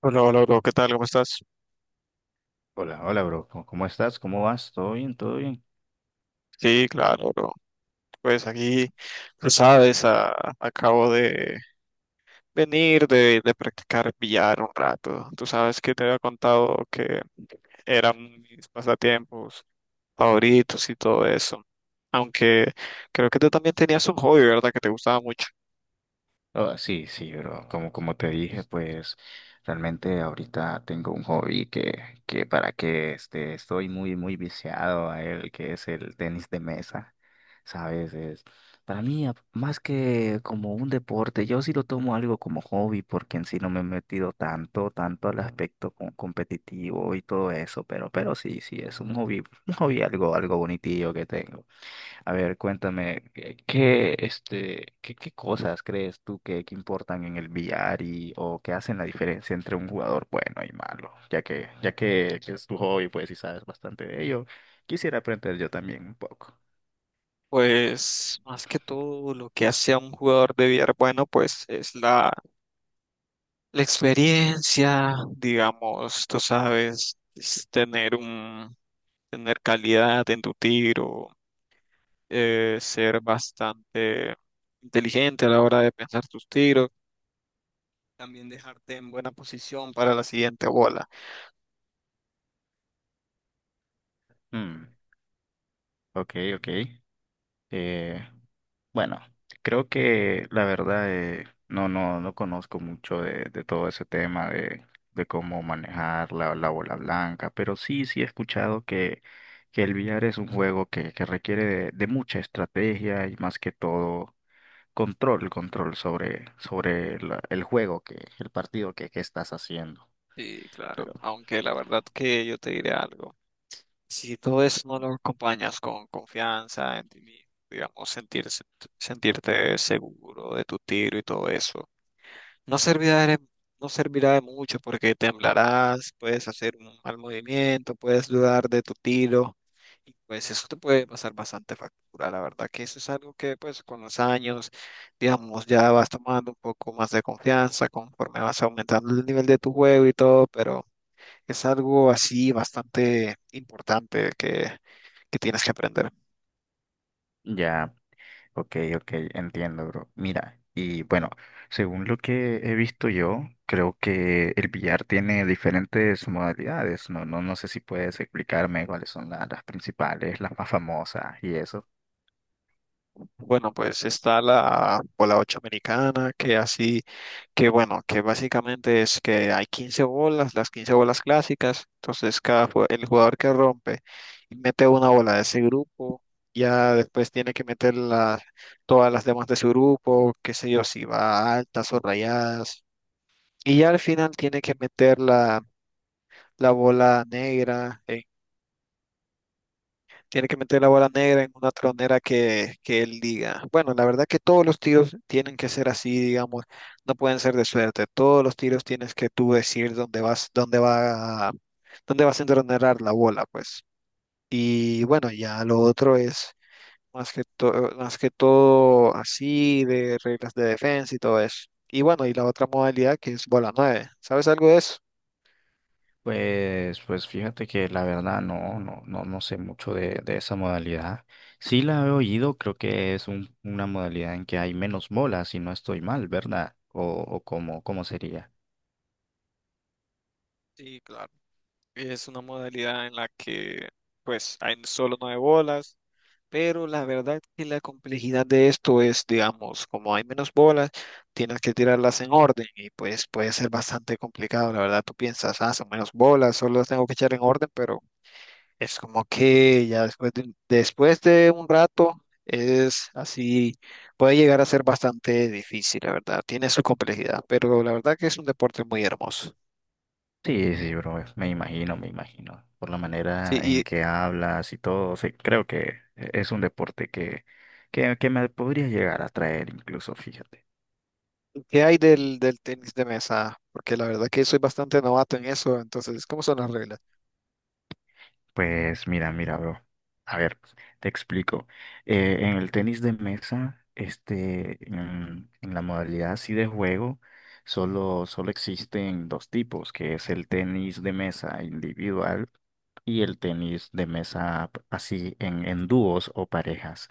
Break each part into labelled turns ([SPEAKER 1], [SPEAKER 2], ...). [SPEAKER 1] Hola, hola, bro, ¿qué tal? ¿Cómo estás?
[SPEAKER 2] Hola, hola, bro. ¿Cómo estás? ¿Cómo vas? ¿Todo bien? ¿Todo bien?
[SPEAKER 1] Sí, claro, bro. Pues aquí, tú sabes, acabo de venir de practicar billar un rato. Tú sabes que te había contado que eran mis pasatiempos favoritos y todo eso. Aunque creo que tú también tenías un hobby, ¿verdad? Que te gustaba mucho.
[SPEAKER 2] Oh, sí, sí, bro. Como te dije, pues realmente ahorita tengo un hobby que estoy muy, muy viciado a él, que es el tenis de mesa. ¿Sabes? Es, para mí, más que como un deporte, yo sí lo tomo algo como hobby, porque en sí no me he metido tanto al aspecto competitivo y todo eso, pero sí, sí, es un hobby algo, algo bonitillo que tengo. A ver, cuéntame, ¿qué cosas crees tú que importan en el billar y o que hacen la diferencia entre un jugador bueno y malo? Ya que es tu hobby, pues, y sabes bastante de ello, quisiera aprender yo también un poco.
[SPEAKER 1] Pues más que todo lo que hace a un jugador de billar bueno, pues es la experiencia, digamos, tú sabes, es tener calidad en tu tiro, ser bastante inteligente a la hora de pensar tus tiros, también dejarte en buena posición para la siguiente bola.
[SPEAKER 2] Mm, ok, ok. Eh, bueno, creo que la verdad no conozco mucho de todo ese tema de cómo manejar la bola blanca, pero sí, sí he escuchado que el billar es un juego que requiere de mucha estrategia y más que todo control, control sobre el juego que, el partido que estás haciendo.
[SPEAKER 1] Sí, claro,
[SPEAKER 2] Pero
[SPEAKER 1] aunque la verdad que yo te diré algo, si todo eso no lo acompañas con confianza en ti mismo, digamos, sentirte seguro de tu tiro y todo eso. No servirá de, no servirá de mucho porque temblarás, puedes hacer un mal movimiento, puedes dudar de tu tiro y pues eso te puede pasar bastante factura. La verdad que eso es algo que pues con los años, digamos, ya vas tomando un poco más de confianza conforme vas aumentando el nivel de tu juego y todo, pero es algo así bastante importante que tienes que aprender.
[SPEAKER 2] ya. Ok, ok, entiendo, bro. Mira, y bueno, según lo que he visto yo, creo que el billar tiene diferentes modalidades. No, no, no sé si puedes explicarme cuáles son las principales, las más famosas y eso.
[SPEAKER 1] Bueno, pues está la bola 8 americana, que así, que bueno, que básicamente es que hay 15 bolas, las 15 bolas clásicas, entonces el jugador que rompe y mete una bola de ese grupo, ya después tiene que todas las demás de su grupo, qué sé yo, si va altas o rayadas, y ya al final tiene que meter la bola negra. Tiene que meter la bola negra en una tronera que él diga. Bueno, la verdad que todos los tiros tienen que ser así, digamos, no pueden ser de suerte. Todos los tiros tienes que tú decir dónde vas a entronerar la bola, pues. Y bueno, ya lo otro es más que todo así de reglas de defensa y todo eso. Y bueno, y la otra modalidad que es bola 9. ¿Sabes algo de eso?
[SPEAKER 2] Pues, pues fíjate que la verdad no sé mucho de esa modalidad. Sí la he oído, creo que es una modalidad en que hay menos bolas, si no estoy mal, ¿verdad? O cómo, cómo sería.
[SPEAKER 1] Sí, claro. Es una modalidad en la que pues hay solo 9 bolas, pero la verdad que la complejidad de esto es, digamos, como hay menos bolas, tienes que tirarlas en orden y pues puede ser bastante complicado, la verdad. Tú piensas, ah, son menos bolas, solo las tengo que echar en orden, pero es como que ya después de un rato es así, puede llegar a ser bastante difícil, la verdad. Tiene su complejidad, pero la verdad que es un deporte muy hermoso.
[SPEAKER 2] Sí, sí, bro, me imagino, me imagino. Por la manera
[SPEAKER 1] Sí,
[SPEAKER 2] en que hablas y todo, sí, creo que es un deporte que me podría llegar a traer incluso, fíjate.
[SPEAKER 1] ¿qué hay del tenis de mesa? Porque la verdad que soy bastante novato en eso, entonces, ¿cómo son las reglas?
[SPEAKER 2] Pues mira, mira, bro. A ver, te explico. En el tenis de mesa, en la modalidad así de juego, solo, solo existen dos tipos, que es el tenis de mesa individual y el tenis de mesa así en dúos o parejas.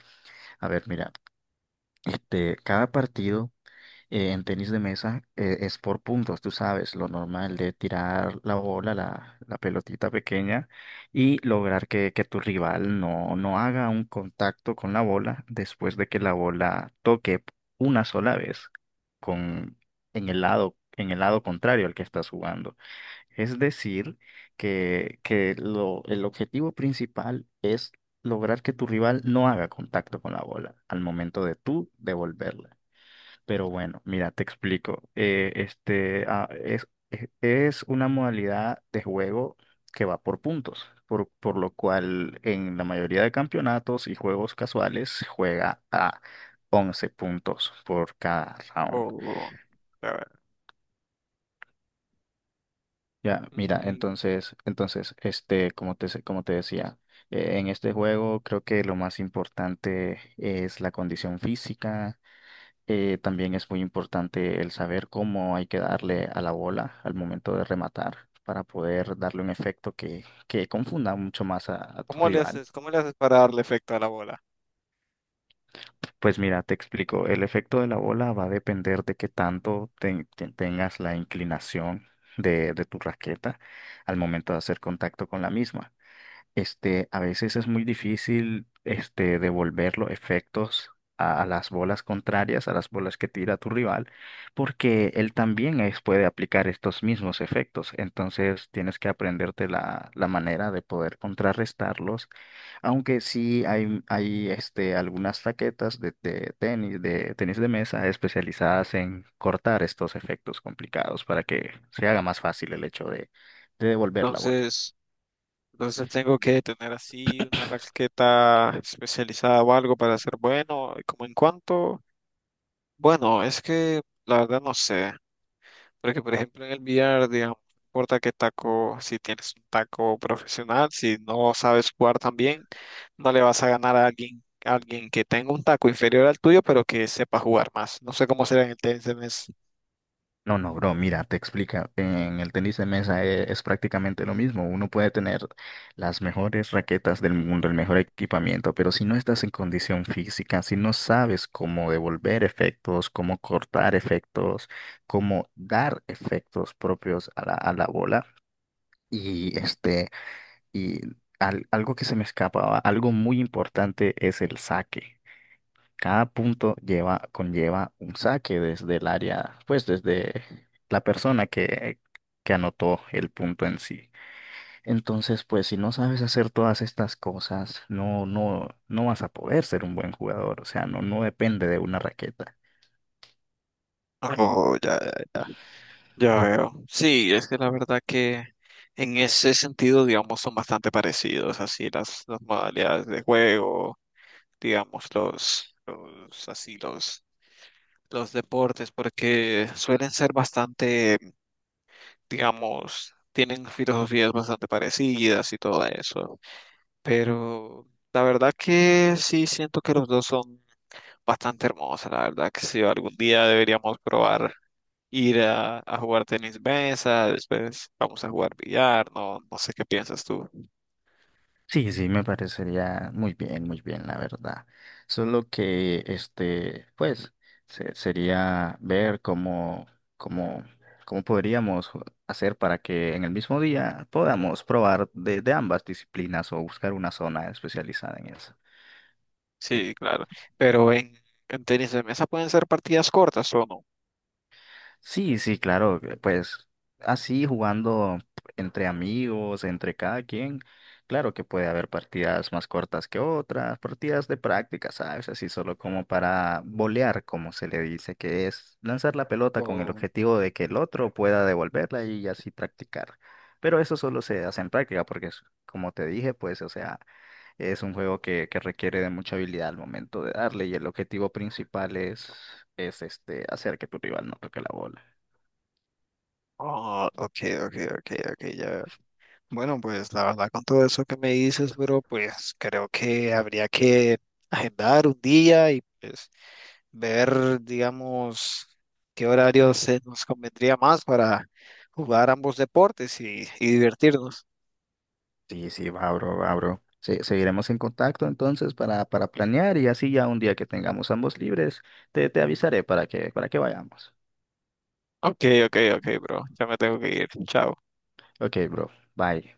[SPEAKER 2] A ver, mira, este, cada partido en tenis de mesa es por puntos, tú sabes, lo normal de tirar la bola, la pelotita pequeña y lograr que tu rival no haga un contacto con la bola después de que la bola toque una sola vez con, en el lado contrario al que estás jugando. Es decir, que el objetivo principal es lograr que tu rival no haga contacto con la bola al momento de tú devolverla. Pero bueno, mira, te explico. Es una modalidad de juego que va por puntos, por lo cual en la mayoría de campeonatos y juegos casuales se juega a 11 puntos por cada round.
[SPEAKER 1] O, a ver,
[SPEAKER 2] Ya, mira,
[SPEAKER 1] mm,
[SPEAKER 2] como te decía, en este juego creo que lo más importante es la condición física. También es muy importante el saber cómo hay que darle a la bola al momento de rematar para poder darle un efecto que confunda mucho más a tu
[SPEAKER 1] ¿cómo le
[SPEAKER 2] rival.
[SPEAKER 1] haces, para darle efecto a la bola?
[SPEAKER 2] Pues mira, te explico, el efecto de la bola va a depender de qué tanto tengas la inclinación de tu raqueta al momento de hacer contacto con la misma. Este, a veces es muy difícil, este, devolver los efectos a las bolas contrarias, a las bolas que tira tu rival, porque él también puede aplicar estos mismos efectos. Entonces tienes que aprenderte la manera de poder contrarrestarlos, aunque sí hay este, algunas raquetas de tenis de mesa especializadas en cortar estos efectos complicados para que se haga más fácil el hecho de devolver la bola.
[SPEAKER 1] Entonces, entonces tengo que tener así una raqueta especializada o algo para ser bueno. ¿Y cómo en cuánto? Bueno, es que la verdad no sé. Porque, por ejemplo, en el billar, digamos, no importa qué taco, si tienes un taco profesional, si no sabes jugar tan bien, no le vas a ganar a alguien, que tenga un taco inferior al tuyo, pero que sepa jugar más. No sé cómo será en el tenis.
[SPEAKER 2] No, no, bro, mira, te explica. En el tenis de mesa es, prácticamente lo mismo. Uno puede tener las mejores raquetas del mundo, el mejor equipamiento, pero si no estás en condición física, si no sabes cómo devolver efectos, cómo cortar efectos, cómo dar efectos propios a a la bola, y este, y algo que se me escapaba, algo muy importante es el saque. Cada punto lleva, conlleva un saque desde el área, pues desde la persona que anotó el punto en sí. Entonces, pues si no sabes hacer todas estas cosas, no vas a poder ser un buen jugador. O sea, no, no depende de una raqueta.
[SPEAKER 1] Oh, ya, ya, ya. Ya veo. Sí, es que la verdad que en ese sentido, digamos, son bastante parecidos, así las modalidades de juego, digamos, los deportes, porque suelen ser bastante, digamos, tienen filosofías bastante parecidas y todo eso. Pero la verdad que sí siento que los dos son bastante hermosos. La verdad que sí, algún día deberíamos probar ir a jugar tenis mesa, después vamos a jugar billar, no, no sé qué piensas tú.
[SPEAKER 2] Sí, sí, me parecería muy bien, la verdad. Solo que, este, pues, sería ver cómo, cómo podríamos hacer para que en el mismo día podamos probar de ambas disciplinas o buscar una zona especializada en eso.
[SPEAKER 1] Sí, claro. Pero en tenis de mesa pueden ser partidas cortas o no.
[SPEAKER 2] Sí, sí, claro, que, pues así jugando entre amigos, entre cada quien, claro que puede haber partidas más cortas que otras, partidas de práctica, ¿sabes? Así solo como para bolear, como se le dice, que es lanzar la pelota con el
[SPEAKER 1] Oh,
[SPEAKER 2] objetivo de que el otro pueda devolverla y así practicar. Pero eso solo se hace en práctica porque, como te dije, pues, o sea, es un juego que requiere de mucha habilidad al momento de darle y el objetivo principal es este, hacer que tu rival no toque la bola.
[SPEAKER 1] oh, ok, ok, ok, ok, ya. Bueno, pues la verdad con todo eso que me dices, bro, pues creo que habría que agendar un día y pues ver, digamos, qué horario se nos convendría más para jugar ambos deportes y divertirnos.
[SPEAKER 2] Sí, sí, va, bro, va, bro. Seguiremos en contacto entonces para planear y así ya un día que tengamos ambos libres, te avisaré para que vayamos.
[SPEAKER 1] Ok, ok, ok, bro. Ya me tengo que ir. Chao.
[SPEAKER 2] Ok, bro, bye.